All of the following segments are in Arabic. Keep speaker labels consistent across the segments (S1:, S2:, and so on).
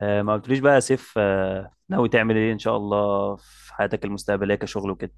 S1: ما قلتليش بقى يا سيف، ناوي تعمل ايه ان شاء الله في حياتك المستقبليه كشغل وكده؟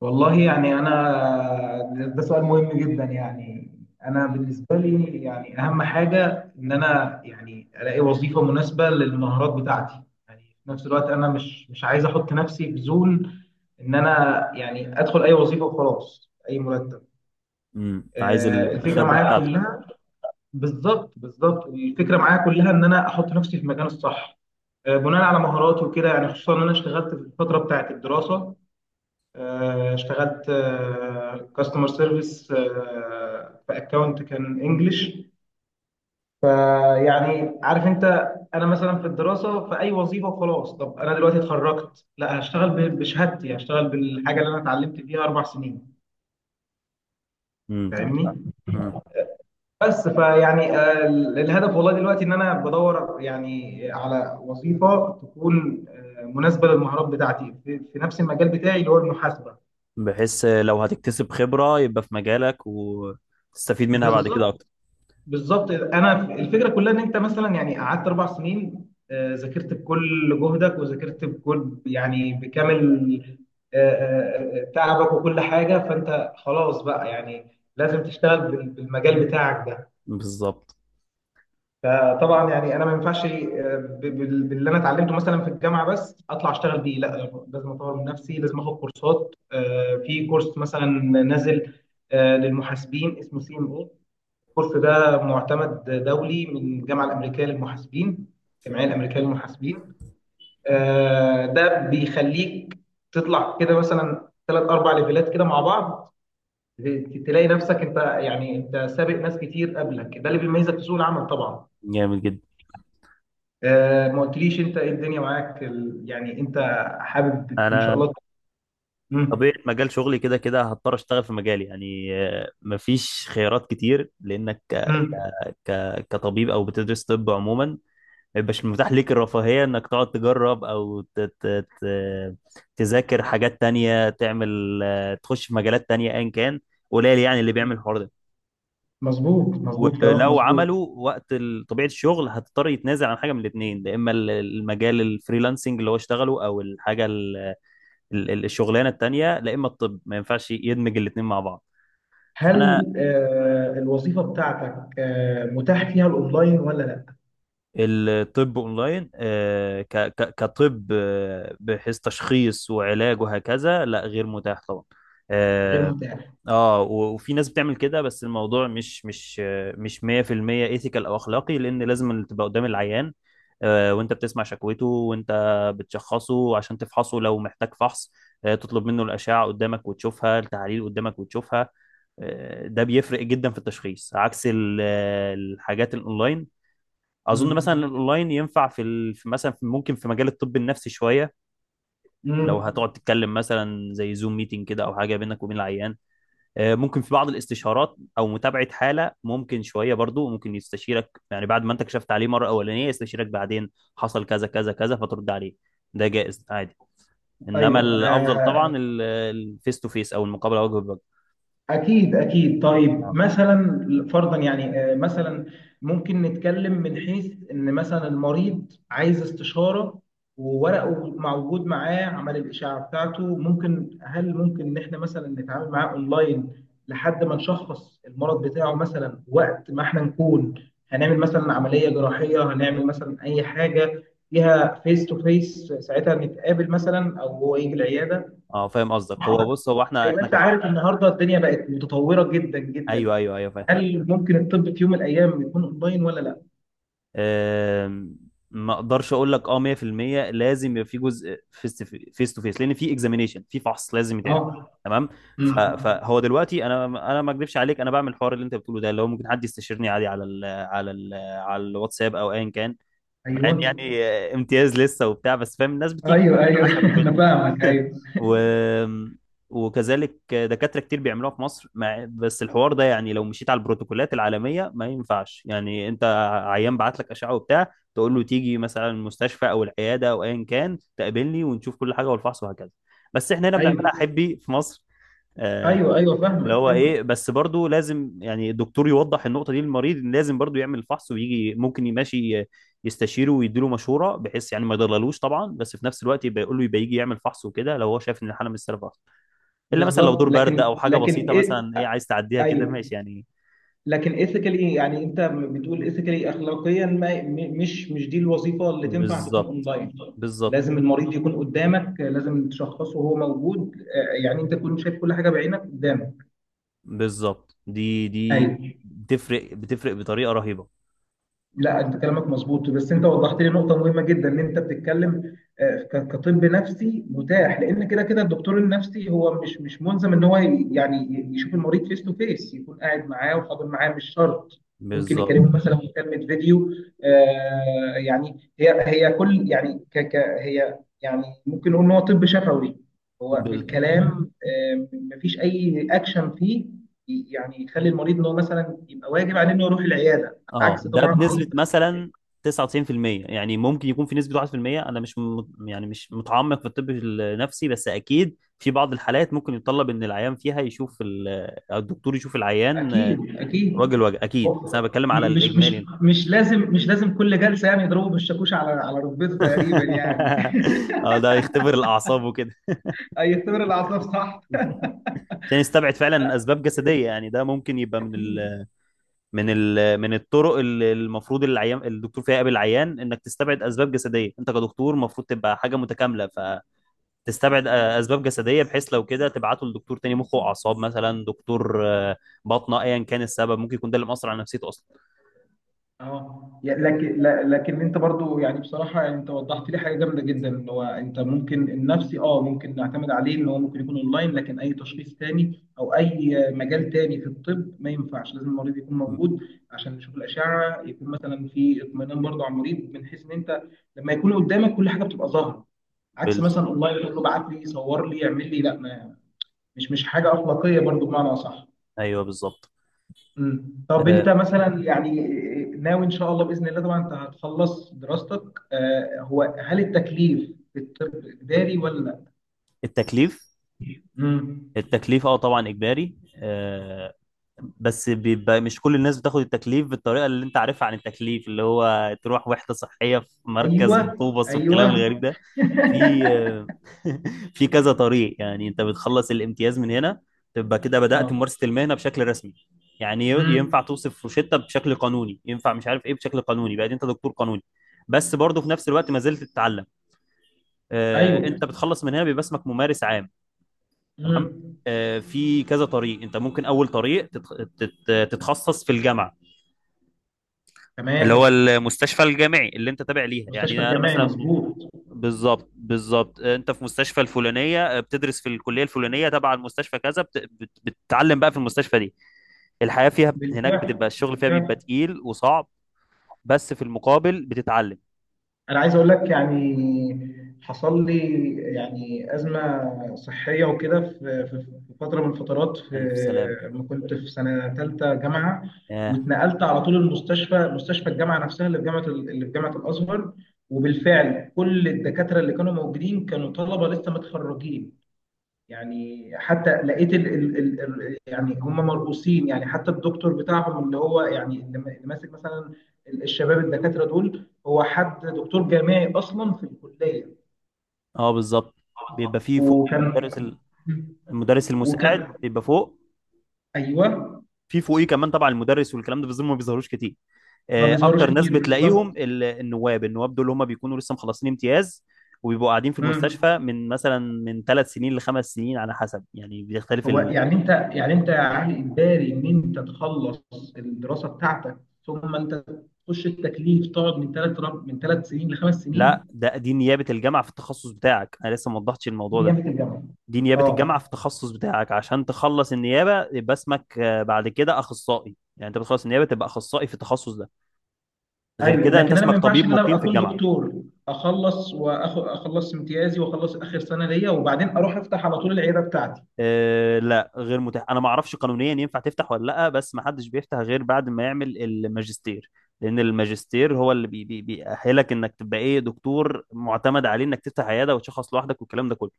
S2: والله يعني انا، ده سؤال مهم جدا. يعني انا بالنسبه لي يعني اهم حاجه ان انا يعني الاقي وظيفه مناسبه للمهارات بتاعتي. يعني في نفس الوقت انا مش عايز احط نفسي في زون ان انا يعني ادخل اي وظيفه وخلاص اي مرتب.
S1: عايز
S2: الفكره
S1: الخبره
S2: معايا
S1: بتاعتك.
S2: كلها. بالظبط بالظبط، الفكره معايا كلها ان انا احط نفسي في المكان الصح، بناء على مهاراتي وكده. يعني خصوصا ان انا اشتغلت في الفتره بتاعت الدراسه، اشتغلت كاستمر سيرفيس في اكونت كان انجلش. يعني عارف انت، انا مثلا في الدراسه في اي وظيفه وخلاص. طب انا دلوقتي اتخرجت، لا، هشتغل بشهادتي، هشتغل بالحاجه اللي انا اتعلمت فيها اربع سنين.
S1: تمام، تمام.
S2: فاهمني؟
S1: امم
S2: بس فيعني الهدف والله دلوقتي ان انا بدور يعني على وظيفه تكون مناسبه للمهارات بتاعتي في في نفس المجال بتاعي اللي هو المحاسبه.
S1: بحيث لو هتكتسب خبره يبقى في مجالك وتستفيد منها بعد كده
S2: بالظبط
S1: اكتر.
S2: بالظبط، انا الفكره كلها ان انت مثلا يعني قعدت اربع سنين، ذاكرت بكل جهدك وذاكرت بكل يعني بكامل تعبك وكل حاجه. فانت خلاص بقى يعني لازم تشتغل بالمجال بتاعك ده.
S1: بالظبط.
S2: فطبعا يعني انا ما ينفعش باللي انا اتعلمته مثلا في الجامعه بس اطلع اشتغل بيه، لا، لازم اطور من نفسي، لازم اخد كورسات. في كورس مثلا نازل للمحاسبين اسمه سي ام. الكورس ده معتمد دولي من الجامعة الأمريكية للمحاسبين، الجمعية الأمريكية للمحاسبين. ده بيخليك تطلع كده مثلا ثلاث أربع ليفلات كده مع بعض. تلاقي نفسك أنت يعني أنت سابق ناس كتير قبلك، ده اللي بيميزك في سوق العمل طبعا.
S1: جامد جدا.
S2: ما قلتليش أنت إيه الدنيا معاك؟ يعني أنت حابب إن شاء
S1: انا
S2: الله؟
S1: طبيعه
S2: مم.
S1: مجال شغلي كده كده هضطر اشتغل في مجالي، يعني مفيش خيارات كتير، لانك
S2: مم.
S1: ك... كطبيب او بتدرس طب عموما، ما يبقاش متاح ليك الرفاهية انك تقعد تجرب او تذاكر حاجات تانية، تعمل تخش في مجالات تانية ايا كان. قليل يعني اللي بيعمل الحوار ده.
S2: مظبوط مظبوط، كلامك
S1: ولو
S2: مظبوط.
S1: عملوا، وقت طبيعة الشغل هتضطر يتنازل عن حاجة من الاتنين، يا اما المجال الفريلانسنج اللي هو اشتغله او الحاجة الشغلانة التانية، لا اما الطب ما ينفعش يدمج الاتنين مع بعض. فانا
S2: هل الوظيفة بتاعتك متاح فيها الأونلاين ولا لا؟
S1: الطب اونلاين، كطب، بحيث تشخيص وعلاج وهكذا، لا غير متاح طبعا.
S2: غير
S1: اه،
S2: متاح.
S1: وفي ناس بتعمل كده، بس الموضوع مش 100% ايثيكال او اخلاقي، لان لازم اللي تبقى قدام العيان، وانت بتسمع شكوته، وانت بتشخصه عشان تفحصه لو محتاج فحص. تطلب منه الاشعه قدامك وتشوفها، التحاليل قدامك وتشوفها. ده بيفرق جدا في التشخيص، عكس الحاجات الاونلاين. اظن مثلا
S2: مم.
S1: الاونلاين ينفع في ال... في مثلا في ممكن في مجال الطب النفسي شويه. لو
S2: مم.
S1: هتقعد تتكلم مثلا زي زوم ميتنج كده، او حاجه بينك وبين العيان، ممكن في بعض الاستشارات او متابعه حاله، ممكن شويه برضو، ممكن يستشيرك يعني بعد ما انت كشفت عليه مره اولانيه يستشيرك بعدين. حصل كذا كذا كذا، فترد عليه. ده جائز عادي. انما
S2: ايوه.
S1: الافضل طبعا الفيس تو فيس، او المقابله وجه بوجه.
S2: اكيد اكيد. طيب
S1: اه،
S2: مثلا فرضا يعني مثلا ممكن نتكلم من حيث ان مثلا المريض عايز استشاره وورقه موجود معاه عمل الاشعه بتاعته، ممكن، هل ممكن ان احنا مثلا نتعامل معاه اونلاين لحد ما نشخص المرض بتاعه مثلا؟ وقت ما احنا نكون هنعمل مثلا عمليه جراحيه، هنعمل مثلا اي حاجه فيها فيس تو فيس، ساعتها نتقابل مثلا او هو يجي العياده.
S1: اه، فاهم قصدك. هو بص. هو احنا
S2: زي ما
S1: احنا
S2: انت
S1: كش...
S2: عارف، النهارده الدنيا بقت متطوره جدا جدا.
S1: ايوه، ايوه، ايوه، فاهم.
S2: هل ممكن الطب في يوم من الايام يكون اونلاين ولا لا؟
S1: آم، ما اقدرش اقول لك اه 100%. لازم يبقى في جزء فيس تو فيس، لان في اكزامينيشن، في فحص لازم يتعمل.
S2: اه.
S1: تمام.
S2: مم.
S1: فهو دلوقتي انا ما اكذبش عليك، انا بعمل الحوار اللي انت بتقوله ده، اللي هو ممكن حد يستشيرني عادي على الواتساب او ايا كان. مع
S2: ايوه
S1: ان يعني امتياز لسه وبتاع، بس فاهم الناس بتيجي كده
S2: ايوه ايوه،
S1: بالعشم وكده.
S2: انا فاهمك. ايوه
S1: و... وكذلك دكاترة كتير بيعملوها في مصر، بس الحوار ده يعني لو مشيت على البروتوكولات العالمية ما ينفعش، يعني انت عيان بعت لك أشعة وبتاع، تقول له تيجي مثلا المستشفى او العيادة او ايا كان تقابلني ونشوف كل حاجة والفحص وهكذا. بس احنا هنا بنعملها
S2: ايوه
S1: حبي في مصر. آه،
S2: ايوه ايوه،
S1: اللي
S2: فاهمك
S1: هو
S2: فاهمك.
S1: ايه، بس برضو لازم يعني الدكتور يوضح النقطه دي للمريض إن لازم برضو يعمل الفحص ويجي، ممكن يمشي يستشيره ويديله مشوره، بحيث يعني ما يضللوش طبعا، بس في نفس الوقت يبقى يقول له يبقى يجي يعمل فحص وكده لو هو شايف ان الحاله مش سالبه اصلا. الا مثلا لو
S2: بالظبط.
S1: دور برد
S2: لكن
S1: او حاجه
S2: لكن
S1: بسيطه
S2: إيه؟
S1: مثلا، ايه عايز تعديها كده
S2: ايوه.
S1: ماشي يعني.
S2: لكن ايثيكالي، يعني انت بتقول ايثيكالي اخلاقيا، ما م- مش مش دي الوظيفه اللي تنفع تكون
S1: بالظبط.
S2: اونلاين.
S1: بالظبط.
S2: لازم المريض يكون قدامك، لازم تشخصه وهو موجود، يعني انت تكون شايف كل حاجه بعينك قدامك.
S1: بالظبط، دي
S2: ايوه.
S1: بتفرق، بتفرق بطريقه رهيبه.
S2: لا، انت كلامك مظبوط، بس انت وضحت لي نقطه مهمه جدا ان انت بتتكلم كطب نفسي متاح، لان كده كده الدكتور النفسي هو مش ملزم ان هو يشوف المريض فيس تو فيس، يكون قاعد معاه وحاضر معاه، مش شرط. ممكن
S1: بالظبط.
S2: يكلمه مثلا مكالمه فيديو. يعني هي هي كل يعني ك ك هي يعني ممكن نقول ان هو طب شفوي، هو
S1: ب-
S2: بالكلام، مفيش اي اكشن فيه يعني يخلي المريض ان هو مثلا يبقى واجب عليه انه يروح العياده.
S1: اه،
S2: عكس
S1: ده
S2: طبعا اي
S1: بنسبة
S2: تأشيرة تاني.
S1: مثلا 99%، يعني ممكن يكون في نسبة 1%. انا مش م... يعني مش متعمق في الطب النفسي، بس اكيد في بعض الحالات ممكن يتطلب ان العيان فيها يشوف أو الدكتور يشوف العيان،
S2: اكيد اكيد.
S1: راجل وجه.
S2: هو
S1: اكيد، بس انا بتكلم على
S2: م- مش مش
S1: الاجمالي.
S2: مش لازم كل جلسه يعني يضربوا بالشاكوش على على ركبته تقريبا يعني.
S1: اه، ده يختبر الاعصاب وكده.
S2: هيختبر الاعصاب، صح.
S1: عشان يستبعد فعلا
S2: أ-
S1: اسباب جسديه، يعني ده ممكن يبقى من
S2: اكيد.
S1: ال من ال من الطرق اللي المفروض العيان الدكتور فيها يقابل العيان، انك تستبعد اسباب جسديه، انت كدكتور المفروض تبقى حاجه متكامله. ف تستبعد اسباب جسديه، بحيث لو كده تبعته لدكتور تاني مخ واعصاب مثلا، دكتور باطنه، ايا كان السبب ممكن يكون ده اللي مأثر على نفسيته اصلا.
S2: اه. يعني لكن لكن انت برضو يعني بصراحه، يعني انت وضحت لي حاجه جامده جدا، اللي هو انت ممكن النفسي اه ممكن نعتمد عليه ان هو ممكن يكون اونلاين، لكن اي تشخيص تاني او اي مجال تاني في الطب ما ينفعش، لازم المريض يكون موجود عشان نشوف الاشعه، يكون مثلا في اطمئنان برضو على المريض، من حيث ان انت لما يكون قدامك كل حاجه بتبقى ظاهره، عكس
S1: بالز...
S2: مثلا اونلاين تقول له ابعت لي صور، لي اعمل لي، لا ما مش حاجه اخلاقيه برضو بمعنى اصح.
S1: ايوه، بالظبط.
S2: مم. طب انت
S1: آه،
S2: مثلا يعني ناوي ان شاء الله باذن الله طبعا انت هتخلص دراستك. آه، هو هل التكليف بالطب اجباري ولا؟
S1: التكليف
S2: امم.
S1: التكليف اه طبعا اجباري، بس بيبقى مش كل الناس بتاخد التكليف بالطريقه اللي انت عارفها عن التكليف، اللي هو تروح وحده صحيه في
S2: ايوه.
S1: مركز مطوبس والكلام
S2: ايوه.
S1: الغريب ده. في في كذا طريق، يعني انت بتخلص الامتياز من هنا، تبقى كده بدأت
S2: اه.
S1: ممارسه المهنه بشكل رسمي، يعني ينفع
S2: امم.
S1: توصف روشتة بشكل قانوني، ينفع مش عارف ايه بشكل قانوني، بقى انت دكتور قانوني. بس برضه في نفس الوقت ما زلت تتعلم.
S2: ايوه.
S1: انت بتخلص من هنا بيبقى اسمك ممارس عام. تمام.
S2: امم.
S1: في كذا طريق انت ممكن، اول طريق تتخصص في الجامعه، اللي هو
S2: تمام.
S1: المستشفى الجامعي اللي انت تابع ليها،
S2: مستشفى
S1: يعني انا
S2: الجامعي،
S1: مثلا.
S2: مظبوط.
S1: بالظبط، بالظبط. انت في مستشفى الفلانيه، بتدرس في الكليه الفلانيه تبع المستشفى كذا، بتتعلم بقى في المستشفى دي. الحياه فيها هناك
S2: بالفعل
S1: بتبقى، الشغل فيها بيبقى
S2: بالفعل.
S1: تقيل وصعب، بس في المقابل بتتعلم.
S2: انا عايز اقول لك يعني حصل لي يعني ازمه صحيه وكده في في في فتره من الفترات، في
S1: الف سلام.
S2: لما كنت في سنه ثالثه جامعه
S1: اه،
S2: واتنقلت على طول المستشفى، مستشفى الجامعه نفسها اللي في جامعه اللي في جامعه الازهر. وبالفعل كل الدكاتره اللي كانوا موجودين كانوا طلبه لسه متخرجين. يعني حتى لقيت يعني هم مرؤوسين، يعني حتى الدكتور بتاعهم اللي هو يعني اللي ماسك مثلا الشباب الدكاترة دول، هو حد دكتور جامعي أصلا في الكلية؟
S1: اه، بالظبط، بيبقى فيه فوق
S2: وكان،
S1: المدرس المدرس
S2: وكان،
S1: المساعد بيبقى فوق،
S2: ايوه،
S1: في فوقيه كمان طبعا المدرس والكلام ده، بس دول ما بيظهروش كتير.
S2: ما بيظهروش
S1: اكتر ناس
S2: كتير
S1: بتلاقيهم
S2: بالظبط.
S1: النواب، النواب دول هم بيكونوا لسه مخلصين امتياز، وبيبقوا قاعدين في
S2: مم.
S1: المستشفى من مثلا، من 3 سنين لخمس سنين، على حسب، يعني بيختلف
S2: هو يعني انت يعني انت يا علي، إجباري ان انت تخلص الدراسة بتاعتك ثم انت تخش التكليف تقعد من ثلاث من ثلاث سنين لخمس
S1: لا،
S2: سنين؟
S1: دي نيابة الجامعة في التخصص بتاعك، انا لسه ما وضحتش
S2: دي
S1: الموضوع ده.
S2: نيابة الجامعة.
S1: دي نيابة الجامعة
S2: اه.
S1: في التخصص بتاعك، عشان تخلص النيابة يبقى اسمك بعد كده اخصائي، يعني انت بتخلص النيابة تبقى اخصائي في التخصص ده. غير
S2: ايوه.
S1: كده انت
S2: لكن انا ما
S1: اسمك
S2: ينفعش
S1: طبيب
S2: ان انا
S1: مقيم في
S2: اكون
S1: الجامعة.
S2: دكتور اخلص واخد اخلص امتيازي واخلص اخر سنه ليا وبعدين اروح افتح على طول العياده بتاعتي؟
S1: آه، لا، غير متاح. انا ما اعرفش قانونيا ينفع تفتح ولا لا، بس ما حدش بيفتح غير بعد ما يعمل الماجستير، لان الماجستير هو اللي بي بي بيأهلك انك تبقى ايه دكتور معتمد عليه انك تفتح عياده وتشخص لوحدك والكلام ده كله.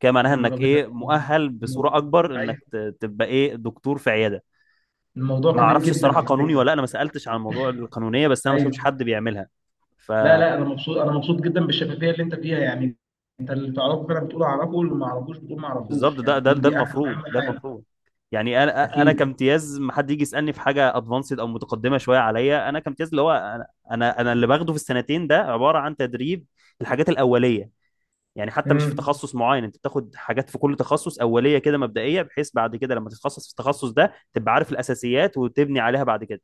S1: كده
S2: يا
S1: معناها
S2: نهار
S1: انك
S2: ابيض.
S1: ايه مؤهل بصوره اكبر،
S2: ايوه.
S1: انك تبقى ايه دكتور في عياده.
S2: الموضوع
S1: ما
S2: كبير
S1: اعرفش
S2: جدا
S1: الصراحه
S2: على
S1: قانوني ولا
S2: فكره.
S1: لأ، انا ما سالتش عن موضوع القانونيه، بس انا ما شفتش
S2: ايوه.
S1: حد بيعملها. ف
S2: لا لا، انا مبسوط، انا مبسوط جدا بالشفافيه اللي انت فيها يعني. انت اللي تعرفه فعلا بتقول اعرفه، واللي ما اعرفوش بتقول ما
S1: بالظبط،
S2: اعرفوش،
S1: ده
S2: يعني
S1: ده
S2: دي
S1: ده
S2: دي اهم
S1: المفروض،
S2: اهم
S1: ده
S2: حاجه.
S1: المفروض يعني، انا
S2: اكيد.
S1: كامتياز ما حد يجي يسالني في حاجه ادفانسد او متقدمه شويه عليا. انا كامتياز، اللي هو انا اللي باخده في السنتين ده عباره عن تدريب. الحاجات الاوليه. يعني حتى مش في
S2: امم.
S1: تخصص معين، انت بتاخد حاجات في كل تخصص اوليه كده مبدئيه، بحيث بعد كده لما تتخصص في التخصص ده تبقى عارف الاساسيات وتبني عليها بعد كده.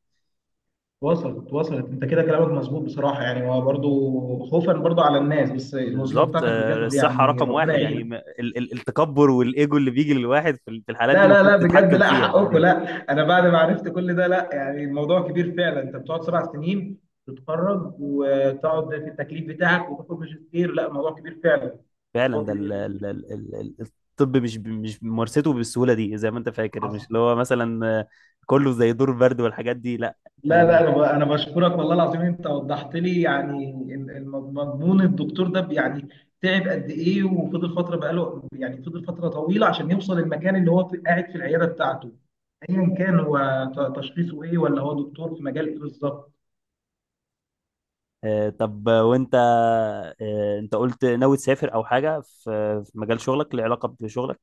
S2: وصلت وصلت، انت كده كلامك مظبوط بصراحه. يعني هو برضو خوفا برضو على الناس، بس الوظيفه
S1: بالظبط.
S2: بتاعتك بجد
S1: الصحه
S2: يعني
S1: رقم
S2: ربنا
S1: واحد، يعني
S2: يعينك.
S1: التكبر والايجو اللي بيجي للواحد في الحالات دي
S2: لا لا
S1: المفروض
S2: لا، بجد،
S1: تتحكم
S2: لا
S1: فيها
S2: حقكم،
S1: يعني.
S2: لا. انا بعد ما عرفت كل ده، لا يعني الموضوع كبير فعلا، انت بتقعد سبع سنين تتخرج وتقعد في التكليف بتاعك وتاخد ماجستير، لا، الموضوع كبير فعلا.
S1: فعلا.
S2: موضوع
S1: ده
S2: كبير.
S1: الطب مش مش ممارسته بالسهوله دي زي ما انت فاكر، مش
S2: حصل.
S1: اللي هو مثلا كله زي دور برد والحاجات دي، لا.
S2: لا لا،
S1: يعني
S2: انا انا بشكرك والله العظيم، انت وضحت لي يعني مضمون الدكتور ده يعني تعب قد ايه وفضل فتره، بقاله يعني فضل فتره طويله عشان يوصل المكان اللي هو قاعد في العياده بتاعته، ايا كان هو تشخيصه ايه ولا هو دكتور في مجال ايه بالظبط.
S1: طب وانت انت قلت ناوي تسافر او حاجه في مجال شغلك له علاقه بشغلك؟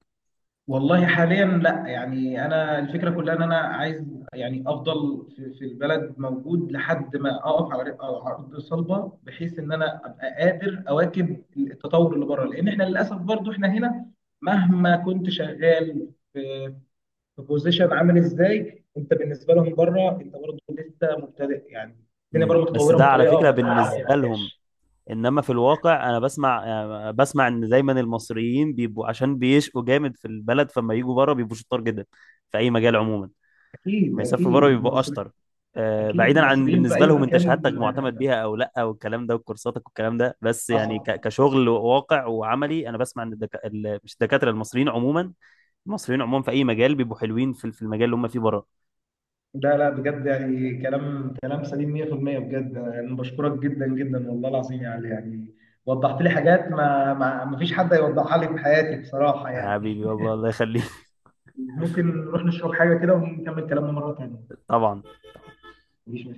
S2: والله حاليا لا. يعني انا الفكره كلها ان انا عايز يعني افضل في, في البلد موجود لحد ما اقف على على ارض صلبه بحيث ان انا ابقى قادر اواكب التطور اللي بره، لان احنا للاسف برضو احنا هنا مهما كنت شغال في في بوزيشن عامل ازاي، انت بالنسبه لهم بره انت برضو لسه مبتدئ يعني. الدنيا بره
S1: مم. بس
S2: متطوره
S1: ده على
S2: بطريقه
S1: فكره
S2: ما
S1: بالنسبه لهم،
S2: تتخيلهاش.
S1: انما في الواقع انا بسمع ان دايما المصريين بيبقوا عشان بيشقوا جامد في البلد، فما يجوا بره بيبقوا شطار جدا في اي مجال عموما،
S2: اكيد
S1: ما يسافروا
S2: اكيد،
S1: بره بيبقوا
S2: المصري
S1: اشطر.
S2: اكيد،
S1: بعيدا عن
S2: المصريين في
S1: بالنسبه
S2: اي
S1: لهم انت
S2: مكان.
S1: شهادتك معتمد بيها او لا والكلام ده وكورساتك والكلام ده، بس يعني
S2: حصل.
S1: كشغل واقع وعملي، انا بسمع ان مش الدكاتره المصريين عموما، المصريين عموما في اي مجال بيبقوا حلوين في المجال اللي هم فيه بره.
S2: لا لا، بجد يعني كلام كلام سليم 100%، بجد يعني بشكرك جدا جدا والله العظيم، يعني يعني وضحت لي حاجات ما ما ما فيش حد هيوضحها لي في حياتي بصراحة يعني.
S1: حبيبي، والله الله يخليك.
S2: ممكن نروح نشرب حاجة كده ونكمل كلامنا مرة تانية؟
S1: طبعا.
S2: مفيش